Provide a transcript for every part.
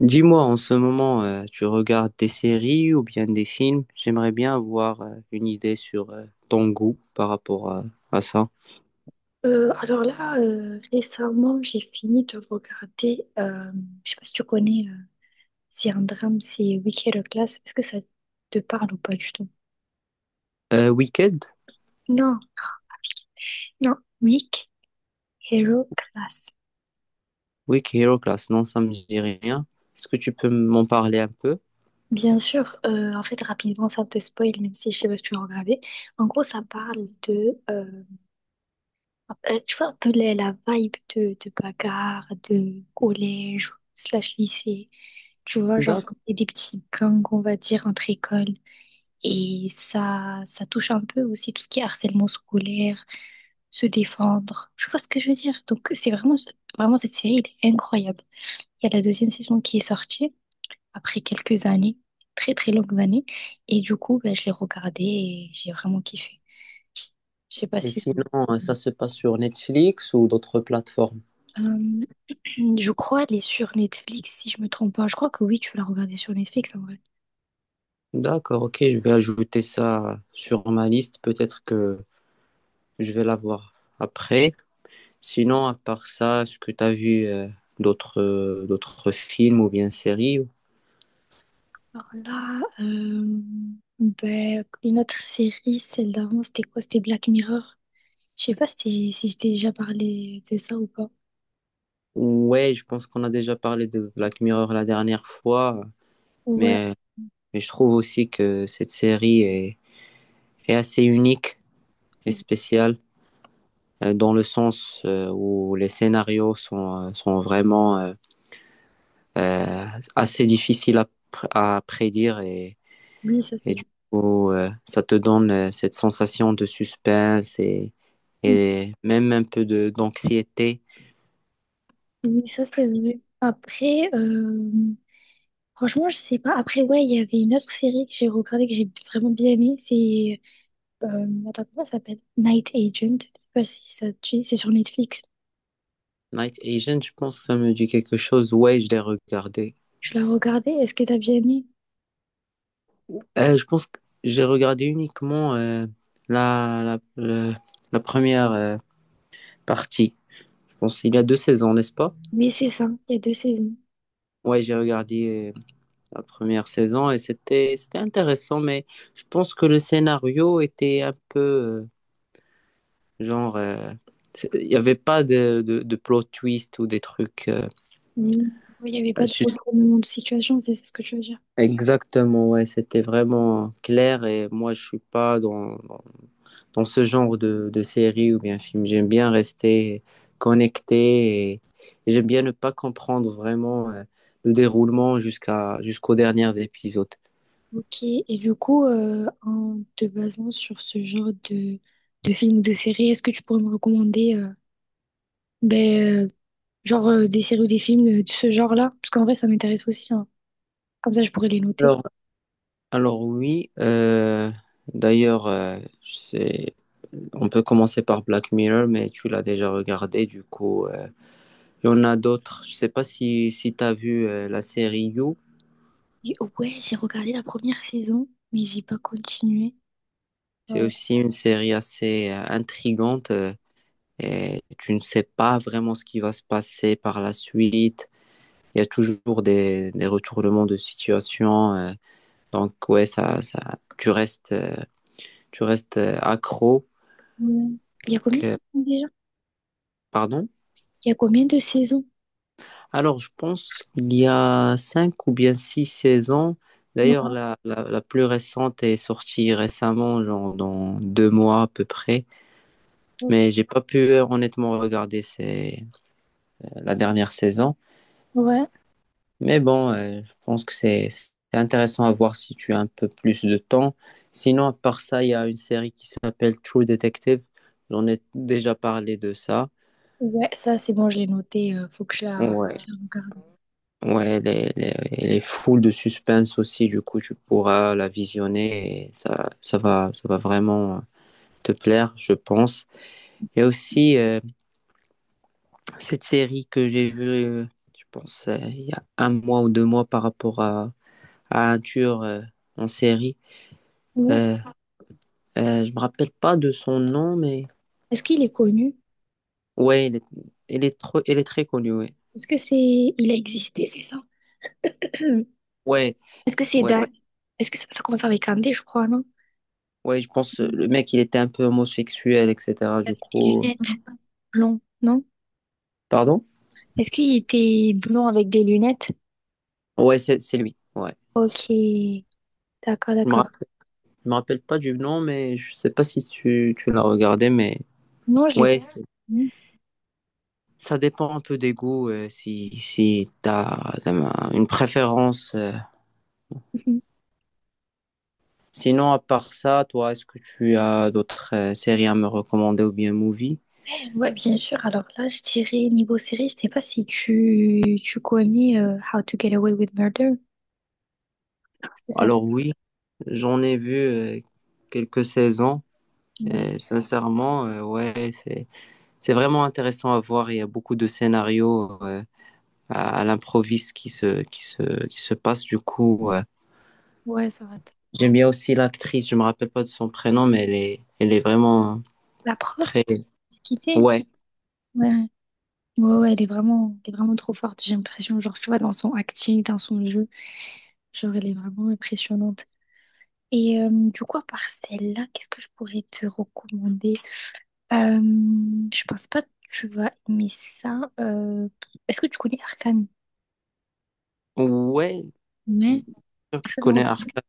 Dis-moi, en ce moment, tu regardes des séries ou bien des films? J'aimerais bien avoir une idée sur ton goût par rapport à ça. Récemment, j'ai fini de regarder, je sais pas si tu connais, c'est un drame, c'est Wicked Class. Est-ce que ça te parle ou pas du tout? Wicked? Non, non, Wicked Hero Class. Wicked Hero Class, non, ça me dit rien. Est-ce que tu peux m'en parler un peu? Bien sûr, en fait, rapidement, ça te spoil, même si je sais pas si tu l'as regardé. En gros, ça parle de, tu vois, un peu la vibe de bagarre, de collège, slash lycée. Tu vois, genre, D'accord. et des petits gangs, on va dire, entre écoles. Et ça touche un peu aussi tout ce qui est harcèlement scolaire, se défendre. Tu vois ce que je veux dire? Donc, c'est vraiment, vraiment cette série, elle est incroyable. Il y a la deuxième saison qui est sortie après quelques années, très très longues années. Et du coup, ben, je l'ai regardée et j'ai vraiment kiffé. Je sais pas Et si. sinon, ça se passe sur Netflix ou d'autres plateformes? Euh, je crois elle est sur Netflix, si je me trompe pas. Je crois que oui, tu l'as regardée sur Netflix en vrai. D'accord, ok, je vais ajouter ça sur ma liste. Peut-être que je vais la voir après. Sinon, à part ça, est-ce que tu as vu d'autres d'autres films ou bien séries? Alors là, euh, ben, une autre série, celle d'avant, c'était quoi? C'était Black Mirror. Je sais pas si si je t'ai déjà parlé de ça ou pas. Ouais, je pense qu'on a déjà parlé de Black Mirror la dernière fois, Ouais, mais, mais je trouve aussi que cette série est, est assez unique et spéciale dans le sens où les scénarios sont, sont vraiment euh, assez difficiles à, à prédire oui, ça et c'est du coup, ça te donne cette sensation de suspense vrai. et même un peu de d'anxiété. Oui, ça c'est vrai. Après, franchement, je sais pas. Après, ouais, il y avait une autre série que j'ai regardée que j'ai vraiment bien aimée. C'est. Attends, comment ça s'appelle? Night Agent. Je sais pas si ça te dit. C'est sur Netflix. Night Agent, je pense que ça me dit quelque chose. Ouais, je l'ai regardé. Je l'ai regardée. Est-ce que t'as bien aimé? Je pense que j'ai regardé uniquement la, la, le- la première partie. Je pense qu'il y a deux saisons, n'est-ce pas? Mais c'est ça. Il y a deux saisons. Ouais, j'ai regardé la première saison et c'était intéressant, mais je pense que le scénario était un peu genre il n'y avait pas de plot twist ou des trucs. Mm. Oui, il n'y avait pas de sus- retournement de situation, c'est ce que tu veux dire. Exactement, ouais, c'était vraiment clair et moi je suis pas dans dans ce genre de série ou bien film. J'aime bien rester connecté et j'aime bien ne pas comprendre vraiment le déroulement jusqu'aux derniers épisodes. Ok, et du coup, en te basant sur ce genre de films ou de séries, est-ce que tu pourrais me recommander ben, genre des séries ou des films de ce genre-là? Parce qu'en vrai, ça m'intéresse aussi, hein. Comme ça, je pourrais les noter. Alors, alors oui, d'ailleurs, c'est, on peut commencer par Black Mirror, mais tu l'as déjà regardé, du coup, il y en a d'autres. Je sais pas si, si tu as vu la série You. Et ouais, j'ai regardé la première saison, mais j'ai pas continué. C'est Euh, aussi une série assez intrigante. Et tu ne sais pas vraiment ce qui va se passer par la suite. Il y a toujours des retournements de situation. Donc, ouais, ça, tu restes, euh, tu restes accro. Hmm. Il y a combien de que- saisons déjà? Pardon. Il y a combien de saisons? Alors, je pense qu'il y a cinq ou bien six saisons. D'ailleurs, Non, la plus récente est sortie récemment, genre dans deux mois à peu près. Mais j'ai pas pu honnêtement regarder la dernière saison. ouais, Mais bon, je pense que c'est intéressant à voir si tu as un peu plus de temps. Sinon, à part ça, il y a une série qui s'appelle True Detective. J'en ai déjà parlé de ça. ouais, ça c'est bon, je l'ai noté. Faut que Ouais, je la regarde. ouais, elle est, elle est full de suspense aussi. Du coup, tu pourras la visionner et ça, ça va vraiment te plaire, je pense. Il y a aussi cette série que j'ai vue, je pense, il y a un mois ou deux mois par rapport à un tueur en série. Ouais, Euh, je me rappelle pas de son nom, mais est-ce qu'il est connu? ouais, il est, il est très connu, ouais. Est-ce que c'est, il a existé, c'est ça? Ouais, Est-ce que c'est ouais, d'un... Est-ce que ça commence avec un D, je crois, non? ouais, je pense Mm. le mec, il était un peu homosexuel, etc. Du Avec des coup, lunettes. Blond, non? pardon? Est-ce qu'il était blond avec des lunettes? Ouais, c'est lui. Ouais. Ok. D'accord, Je me d'accord. rappelle, je me rappelle pas du nom, mais je sais pas si tu, tu l'as regardé, mais Non, je l'ai pas. ouais, Mm. ça dépend un peu des goûts, si si t'as une préférence. Mhm. Sinon, à part ça, toi, est-ce que tu as d'autres séries à me recommander ou bien movies? Ouais, bien sûr. Alors là, je dirais niveau série, je sais pas si tu connais How to Get Away with Murder. Est-ce que ça... t- Alors oui, j'en ai vu quelques saisons. Ouais. Et sincèrement, ouais, c'est vraiment intéressant à voir. Il y a beaucoup de scénarios à l'improviste qui se passent. Du coup, ouais. Ouais, ça va. T- J'aime bien aussi l'actrice. Je me rappelle pas de son prénom, mais elle est vraiment La prof, très se quitter. ouais Ouais. Ouais, ouais, elle est vraiment trop forte, j'ai l'impression. Genre, tu vois, dans son acting, dans son jeu, genre, elle est vraiment impressionnante. Et du coup, à part celle-là, qu'est-ce que je pourrais te recommander? Euh, je pense pas que tu vas aimer ça. Est-ce que tu connais Arcane? ouais. Ouais. Donc, Est-ce je que tu connais regardes? Arca.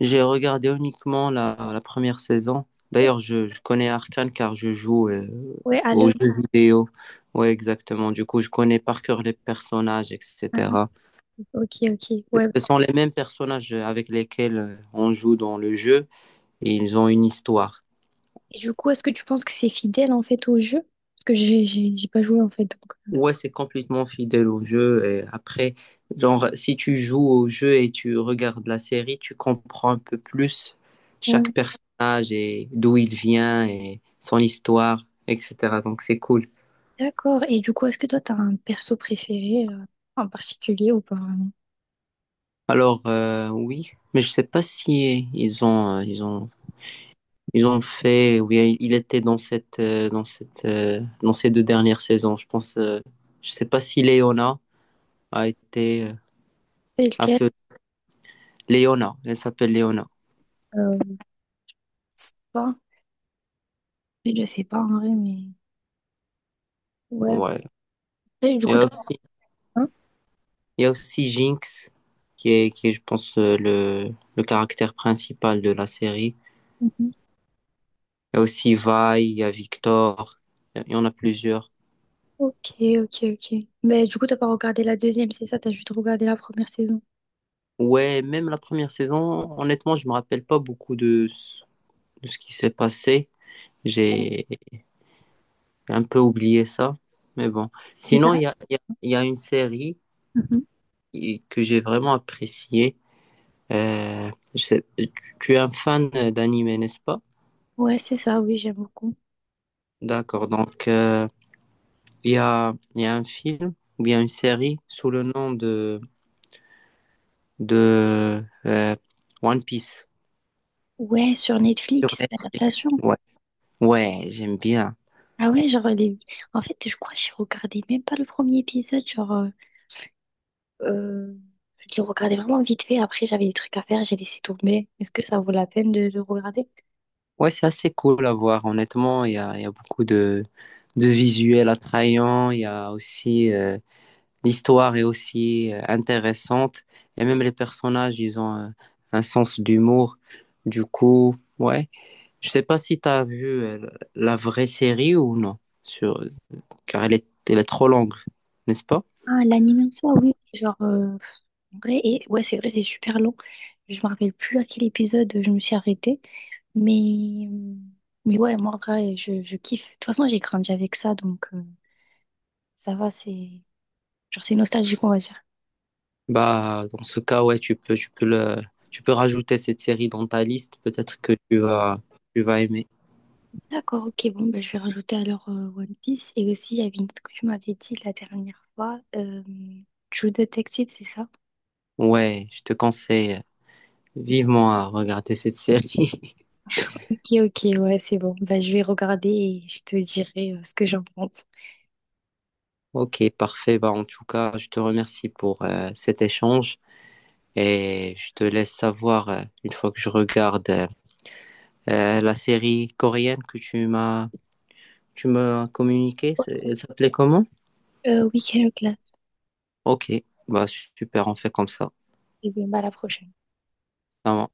J'ai regardé uniquement la, la première saison. D'ailleurs, je connais Arcane car je joue Ouais, à aux l'œil. jeux vidéo. Oui, exactement. Du coup, je connais par cœur les personnages, Ah, etc. ok, ok. Ouais. Ce sont les mêmes personnages avec lesquels on joue dans le jeu et ils ont une histoire. Et du coup, est-ce que tu penses que c'est fidèle en fait au jeu? Parce que j'ai pas joué en fait, donc. Ouais, c'est complètement fidèle au jeu. Et après, genre, si tu joues au jeu et tu regardes la série, tu comprends un peu plus Ouais. chaque personnage et d'où il vient et son histoire, etc. Donc, c'est cool. D'accord. Et du coup, est-ce que toi, t'as un perso préféré en particulier ou pas vraiment? Alors, oui, mais je sais pas si ils ont fait. Oui, il était dans ces deux dernières saisons. Je pense, je sais pas si Léona a été, C'est a lequel? fait Léona. Elle s'appelle Léona. Je sais pas. Je sais pas en vrai, mais ouais. Ouais. Et du Et coup, t'as aussi. Il y a aussi Jinx, qui est, je pense, le caractère principal de la série. un? Il y a aussi Vi, il y a Victor, il y en a plusieurs. Ok, ok, ok. Mais du coup, t'as pas regardé la deuxième, c'est ça, t'as juste regardé la première saison. Ouais, même la première saison, honnêtement, je me rappelle pas beaucoup de ce qui s'est passé. Ouais, J'ai un peu oublié ça. Mais bon. mais ça? Sinon, il Reste- y a, il y a une série Mhm. Que j'ai vraiment appréciée. Tu tu es un fan d'anime, n'est-ce pas? Ouais, c'est ça, oui, j'aime beaucoup. D'accord. Donc, il y a, il y a un film ou bien une série sous le nom de, de euh, One Piece Ouais, sur sur Netflix, l'adaptation. Netflix. Ouais, ouais, j'aime bien. Ah ouais, genre, les... en fait, je crois que j'ai regardé même pas le premier épisode, euh, je l'ai regardé vraiment vite fait, après j'avais des trucs à faire, j'ai laissé tomber. Est-ce que ça vaut la peine de le regarder? Ouais, c'est assez cool à voir. Honnêtement, il y a beaucoup de visuels attrayants. Il y a aussi l'histoire est aussi intéressante. Et même les personnages, ils ont un sens d'humour. Du coup, ouais. Je sais pas si tu as vu la vraie série ou non sur car elle est trop longue, n'est-ce pas? Ah, l'anime en soi, oui, en vrai, et... ouais, c'est vrai, c'est super long. Je me rappelle plus à quel épisode je me suis arrêtée. Mais, euh, mais ouais, moi, en vrai, je kiffe. De toute façon, j'ai grandi avec ça, donc ça va, c'est genre c'est nostalgique, on va dire. Bah, dans ce cas, ouais, tu peux le, tu peux rajouter cette série dans ta liste. Peut-être que tu vas aimer. D'accord, ok, bon, ben, je vais rajouter alors One Piece. Et aussi, il y avait une autre que tu m'avais dit la dernière fois, True Detective, c'est ça? Ouais, je te conseille vivement à regarder cette série. Ok, ok, ouais, c'est bon. Bah, je vais regarder et je te dirai ce que j'en pense. Ok, parfait. Bah, en tout cas, je te remercie pour cet échange et je te laisse savoir une fois que je regarde la série coréenne que tu m'as communiquée. C'est- Elle s'appelait comment? Week-end class. Ok, bah super, on fait comme ça. Et bien, bah, à la prochaine. Ça marche.